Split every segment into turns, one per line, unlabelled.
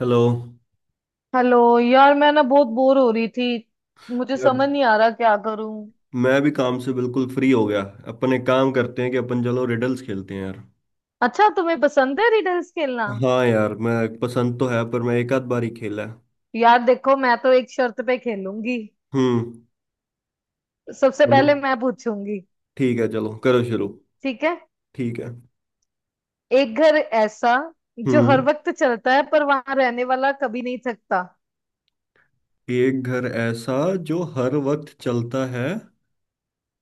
Hello
hello यार। मैं ना बहुत बोर हो रही थी। मुझे
यार।
समझ नहीं आ रहा क्या करूं।
मैं भी काम से बिल्कुल फ्री हो गया। अपन एक काम करते हैं कि अपन चलो रिडल्स खेलते हैं यार।
अच्छा, तुम्हें पसंद है रिडल्स खेलना?
हाँ यार, मैं पसंद तो है पर मैं एक आध बार ही खेला है।
यार देखो, मैं तो एक शर्त पे खेलूंगी।
हम्म।
सबसे
बोलो।
पहले मैं पूछूंगी।
ठीक है, चलो करो शुरू।
ठीक है।
ठीक है।
एक घर ऐसा जो हर
हम्म।
वक्त चलता है पर वहां रहने वाला कभी नहीं थकता।
एक घर ऐसा जो हर वक्त चलता है,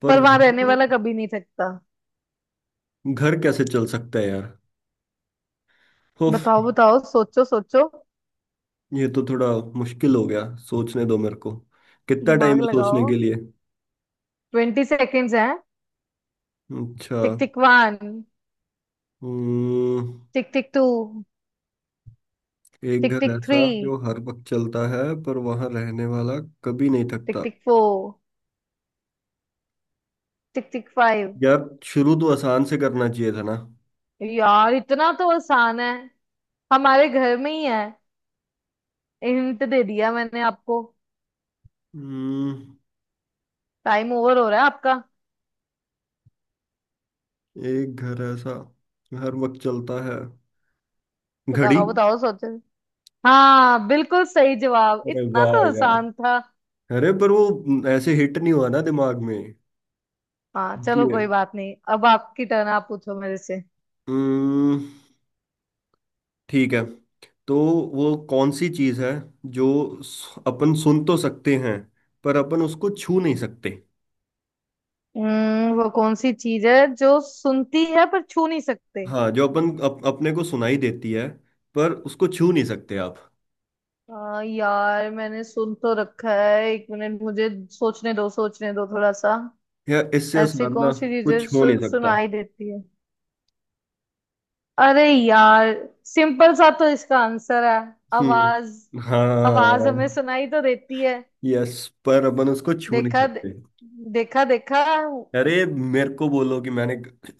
पर
पर वहां
वह...
रहने वाला कभी नहीं थकता।
घर कैसे चल सकता है यार? उफ।
बताओ बताओ, सोचो सोचो।
ये तो थोड़ा मुश्किल हो गया। सोचने दो मेरे को। कितना टाइम
दिमाग
है
लगाओ।
सोचने के लिए?
20 सेकेंड्स हैं।
अच्छा।
टिक टिक 1।
हम्म।
टिक टिक 2।
एक
टिक
घर
टिक 3।
ऐसा जो हर वक्त चलता है पर वहां रहने वाला कभी नहीं
टिक
थकता।
टिक 4। टिक टिक 5।
यार शुरू तो आसान से करना चाहिए था ना।
यार इतना तो आसान है। हमारे घर में ही है। हिंट दे दिया मैंने आपको।
हम्म।
टाइम ओवर हो रहा है आपका।
एक घर ऐसा हर वक्त चलता है... घड़ी।
बताओ बताओ, सोचो। हाँ, बिल्कुल सही जवाब।
अरे
इतना
वाह
तो
यार।
आसान था।
अरे पर वो ऐसे हिट नहीं हुआ ना दिमाग में।
हाँ चलो
इसलिए।
कोई बात नहीं। अब आपकी टर्न, आप पूछो मेरे से।
हम्म। ठीक है। तो वो कौन सी चीज है जो अपन सुन तो सकते हैं पर अपन उसको छू नहीं सकते?
हम्म, वो कौन सी चीज है जो सुनती है पर छू नहीं सकते?
हाँ, जो अपन अपने को सुनाई देती है पर उसको छू नहीं सकते आप।
यार मैंने सुन तो रखा है। 1 मिनट, मुझे सोचने दो, सोचने दो थोड़ा सा।
या इससे
ऐसी
साधना
कौन सी चीज है
कुछ हो नहीं सकता।
सुनाई देती है? अरे यार, सिंपल सा तो इसका आंसर है।
हम्म।
आवाज। आवाज हमें
हाँ।
सुनाई तो देती है।
यस। पर अपन उसको छू नहीं
देखा,
सकते।
देखा देखा।
अरे, मेरे को बोलो कि मैंने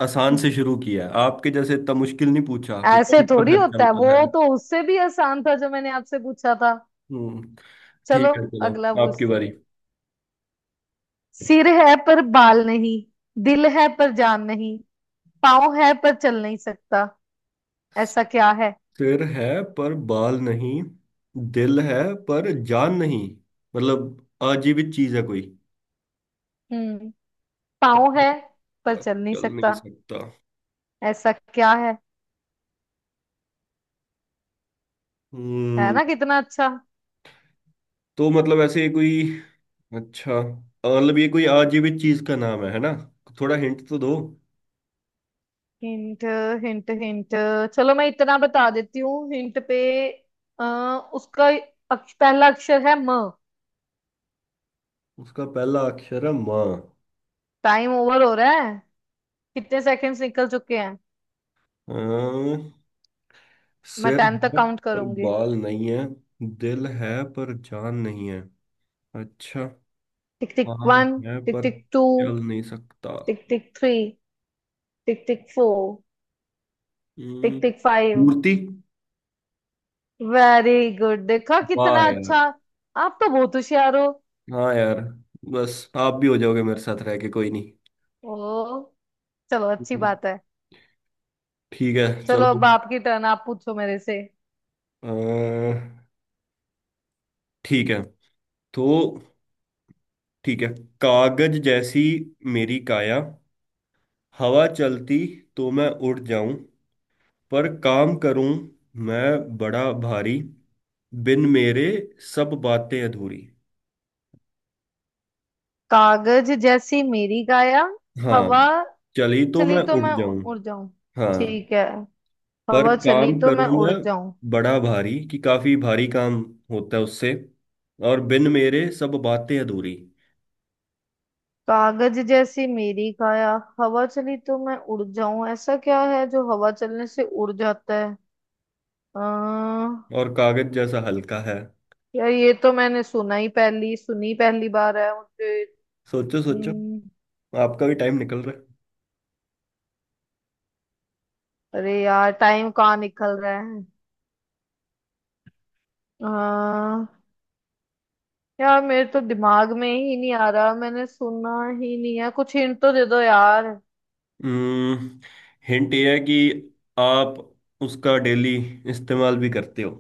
आसान से शुरू किया है, आपके जैसे इतना मुश्किल नहीं पूछा कि
ऐसे
कौन सा
थोड़ी
घर
होता है।
चलता है।
वो तो उससे भी आसान था जो मैंने आपसे पूछा था।
हम्म।
चलो
ठीक है चलो।
अगला
आपकी
पूछते
बारी।
हैं। सिर है पर बाल नहीं, दिल है पर जान नहीं, पाँव है पर चल नहीं सकता। ऐसा क्या है?
सिर है पर बाल नहीं, दिल है पर जान नहीं, मतलब आजीवित चीज है
हम्म। पाँव
कोई।
है पर
पर
चल नहीं
चल नहीं
सकता।
सकता।
ऐसा क्या है? है
हम्म।
ना कितना अच्छा।
तो मतलब ऐसे कोई... अच्छा, मतलब ये कोई आजीवित चीज का नाम है ना? थोड़ा हिंट तो दो।
Hint, hint hint. चलो मैं इतना बता देती हूँ हिंट पे। उसका पहला अक्षर है म।
उसका पहला अक्षर है माँ।
टाइम ओवर हो रहा है। कितने सेकंड्स निकल चुके हैं?
अ,
मैं
सिर
टाइम तक
है
काउंट
पर
करूंगी।
बाल नहीं है, दिल है पर जान नहीं है। अच्छा।
टिक टिक
हाँ।
वन।
है
टिक
पर
टिक टू।
चल नहीं सकता।
Tick tick three. Tick tick four. Tick
hmm,
tick five.
मूर्ति।
Very good. देखा
वाह
कितना
यार।
अच्छा। आप तो बहुत होशियार हो।
हाँ यार। बस आप भी हो जाओगे मेरे साथ रह के, कोई नहीं।
ओ, चलो अच्छी
हम्म,
बात है।
ठीक है
चलो
चलो।
अब आपकी टर्न, आप पूछो मेरे से।
अह, ठीक है। तो ठीक है। कागज जैसी मेरी काया, हवा चलती तो मैं उड़ जाऊं, पर काम करूं मैं बड़ा भारी, बिन मेरे सब बातें अधूरी।
कागज जैसी मेरी काया,
हाँ।
हवा
चली तो
चली
मैं
तो
उड़
मैं
जाऊं।
उड़ जाऊं।
हाँ।
ठीक है।
पर
हवा चली
काम
तो
करूं
मैं उड़
मैं
जाऊं।
बड़ा भारी कि काफी भारी काम होता है उससे, और बिन मेरे सब बातें अधूरी।
कागज जैसी मेरी काया, हवा चली तो मैं उड़ जाऊं। ऐसा क्या है जो हवा चलने से उड़ जाता है? अः
और कागज जैसा हल्का है।
यार, ये तो मैंने सुना ही। पहली सुनी, पहली बार है मुझे।
सोचो सोचो।
अम्म,
आपका भी टाइम निकल रहा
अरे यार टाइम कहाँ निकल रहा है। अः यार, मेरे तो दिमाग में ही नहीं आ रहा। मैंने सुना ही नहीं है। कुछ हिंट तो दे दो यार।
है। हिंट ये है कि आप उसका डेली इस्तेमाल भी करते हो।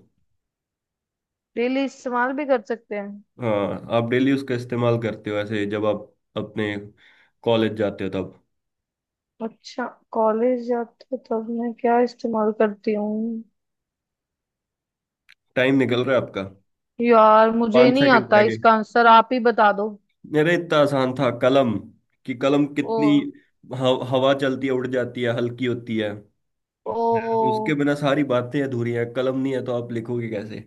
डेली इस्तेमाल भी कर सकते हैं?
हाँ, आप डेली उसका इस्तेमाल करते हो, ऐसे जब आप अपने कॉलेज जाते हो तब।
अच्छा, कॉलेज जाते तब मैं क्या इस्तेमाल करती हूँ?
टाइम निकल रहा है आपका।
यार मुझे
पाँच
नहीं
सेकंड
आता
रह गए।
इसका आंसर, आप ही बता दो।
अरे इतना आसान था, कलम। कि कलम
ओ
कितनी हवा चलती है, उड़ जाती है, हल्की होती है।
ओ,
उसके बिना सारी बातें अधूरी हैं, कलम नहीं है तो आप लिखोगे कैसे?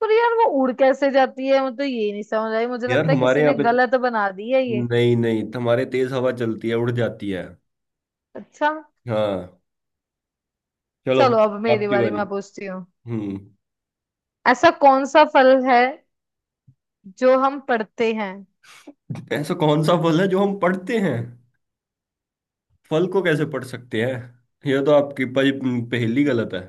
पर यार वो उड़ कैसे जाती है? मुझे तो ये नहीं समझ आई। मुझे
यार
लगता है
हमारे
किसी
यहाँ
ने
पे
गलत बना दी है ये।
नहीं नहीं, हमारे तेज हवा चलती है उड़ जाती है।
अच्छा।
हाँ। चलो।
चलो अब मेरी
आपकी
बारी,
बारी।
मैं पूछती हूँ।
हम्म।
ऐसा कौन सा फल है जो हम पढ़ते हैं?
ऐसा कौन सा फल है जो हम पढ़ते हैं? फल को कैसे पढ़ सकते हैं? यह तो आपकी पहेली गलत है।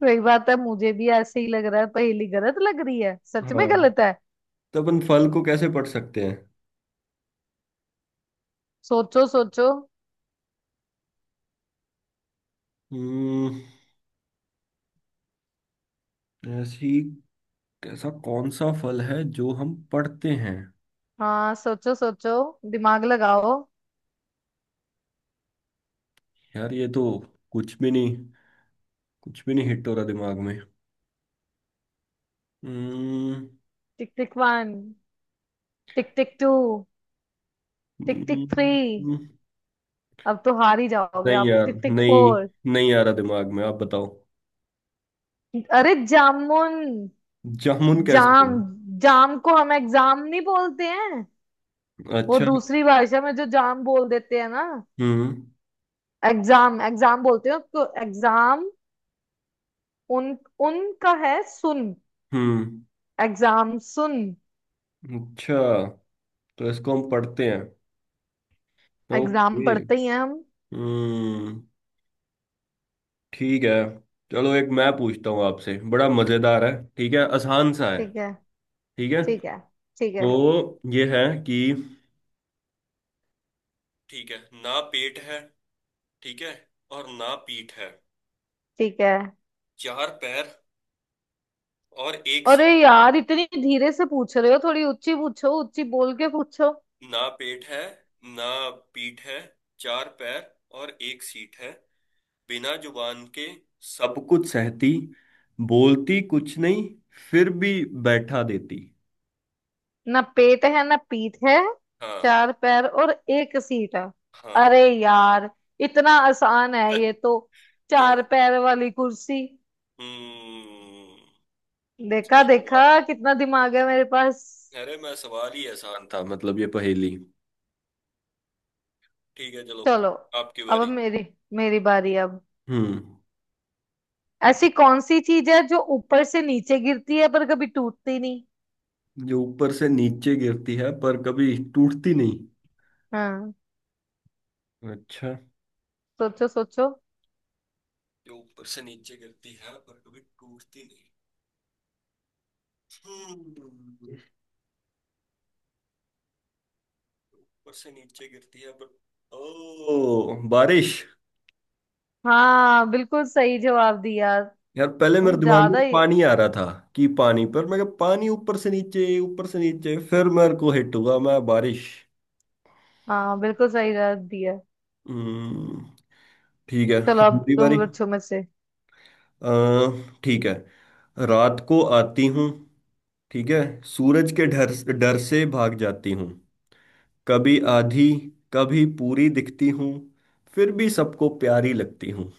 तो एक बात है, मुझे भी ऐसे ही लग रहा है, पहेली गलत लग रही है, सच
हाँ।
में गलत है।
तो अपन फल को कैसे पढ़ सकते हैं?
सोचो सोचो।
हम्म। ऐसी... ऐसा कौन सा फल है जो हम पढ़ते हैं?
हाँ, सोचो सोचो। दिमाग लगाओ।
यार ये तो कुछ भी नहीं, कुछ भी नहीं हिट हो रहा दिमाग में। हम्म।
Tick tick one. Tick tick two. Tick
hmm.
Tick three.
हम्म।
अब तो हार ही जाओगे
नहीं
आप।
यार,
टिक टिक
नहीं,
4।
नहीं आ रहा दिमाग में, आप बताओ।
अरे, जामुन।
जामुन कैसे
जाम।
बने?
जाम को हम एग्जाम नहीं बोलते हैं? वो
अच्छा।
दूसरी भाषा में जो जाम बोल देते हैं ना।
हम्म।
एग्जाम, एग्जाम बोलते हैं उसको। एग्जाम। उन, उनका है सुन।
हम्म।
एग्जाम सुन।
अच्छा, तो इसको हम पढ़ते हैं।
Exam
okay.
पढ़ते ही हैं हम।
हम्म। ठीक है। चलो एक मैं पूछता हूँ आपसे, बड़ा मजेदार है। ठीक है, आसान सा है।
ठीक है।
ठीक है।
ठीक है। ठीक है।
तो ये है कि ठीक है, ना पेट है, ठीक है, और ना पीठ है,
ठीक है।
चार पैर और एक
अरे
सीट।
यार, इतनी धीरे से पूछ रहे हो। थोड़ी ऊंची पूछो, ऊंची बोल के पूछो।
ना पेट है ना पीठ है, चार पैर और एक सीट है, बिना जुबान के सब कुछ सहती, बोलती कुछ नहीं, फिर भी बैठा देती।
ना पेट है ना पीठ है,
हाँ।
4 पैर और एक सीट है।
हाँ।
अरे यार, इतना आसान है ये तो। चार पैर वाली कुर्सी।
हम्म।
देखा
सही
देखा,
जवाब।
कितना दिमाग है मेरे पास।
अरे मैं सवाल ही आसान था, मतलब ये पहेली। ठीक है चलो।
चलो
आपकी
अब
बारी।
मेरी मेरी बारी अब।
हम्म।
ऐसी कौन सी चीज है जो ऊपर से नीचे गिरती है पर कभी टूटती नहीं?
जो ऊपर से नीचे गिरती है पर कभी टूटती नहीं।
हाँ,
अच्छा।
सोचो सोचो।
जो ऊपर से नीचे गिरती है पर कभी टूटती नहीं। हम्म। ऊपर से नीचे गिरती है पर... ओ ओ, बारिश।
हाँ, बिल्कुल सही जवाब दिया।
यार पहले मेरे
तुम
दिमाग में
ज्यादा ही।
पानी आ रहा था कि पानी, पर मैं कहा, पानी ऊपर से नीचे, ऊपर से नीचे, फिर मेरे को हिट हुआ मैं बारिश।
हाँ, बिल्कुल सही जवाब दिया।
हम्म, ठीक है,
चलो
अब
अब
मेरी
तुम
बारी।
पूछो मुझसे।
अ, ठीक है। रात को आती हूँ, ठीक है, सूरज के डर, डर से भाग जाती हूँ, कभी आधी, कभी पूरी दिखती हूँ, फिर भी सबको प्यारी लगती हूँ।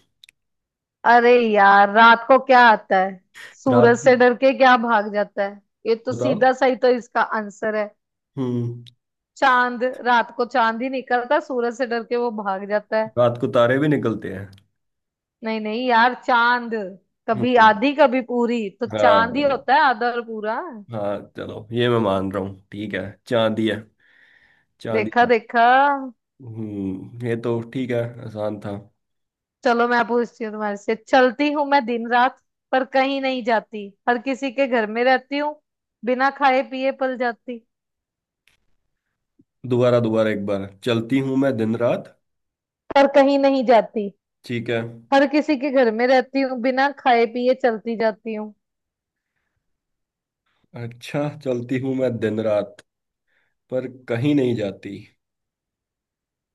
अरे यार, रात को क्या आता है?
रात
सूरज
को।
से डर के क्या भाग जाता है? ये तो
बताओ।
सीधा, सही तो इसका आंसर है।
हम्म।
चांद। रात को चांद ही निकलता है, सूरज से डर के वो भाग जाता है।
रात को तारे भी निकलते हैं।
नहीं नहीं यार, चांद। कभी
हम्म,
आधी कभी पूरी तो
हाँ
चांद ही होता है, आधा और पूरा।
हाँ, चलो ये मैं मान रहा हूँ, ठीक है। चांदी है, चांदी
देखा
था।
देखा।
ये तो ठीक है, आसान था।
चलो मैं पूछती हूँ तुम्हारे से। चलती हूँ मैं दिन रात, पर कहीं नहीं जाती, हर किसी के घर में रहती हूँ, बिना खाए पिए पल जाती।
दोबारा दोबारा एक बार, चलती हूँ मैं दिन रात...
पर कहीं नहीं जाती,
ठीक है।
हर किसी के घर में रहती हूँ, बिना खाए पिए चलती जाती हूँ।
अच्छा, चलती हूँ मैं दिन रात, पर कहीं नहीं जाती,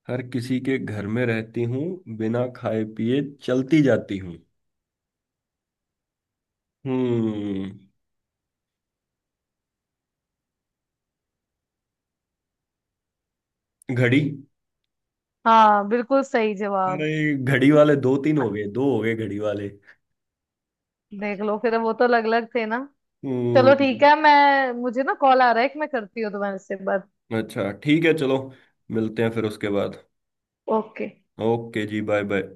हर किसी के घर में रहती हूँ, बिना खाए पिए चलती जाती हूँ। हम्म घड़ी।
हाँ, बिल्कुल सही जवाब।
अरे घड़ी वाले दो तीन हो गए, दो हो गए घड़ी वाले।
देख लो फिर, वो तो अलग अलग थे ना। चलो
हम्म।
ठीक है, मैं मुझे ना कॉल आ रहा है। कि मैं करती हूँ तुम्हारे से बात।
अच्छा ठीक है चलो। मिलते हैं फिर उसके बाद।
ओके।
ओके, जी बाय बाय।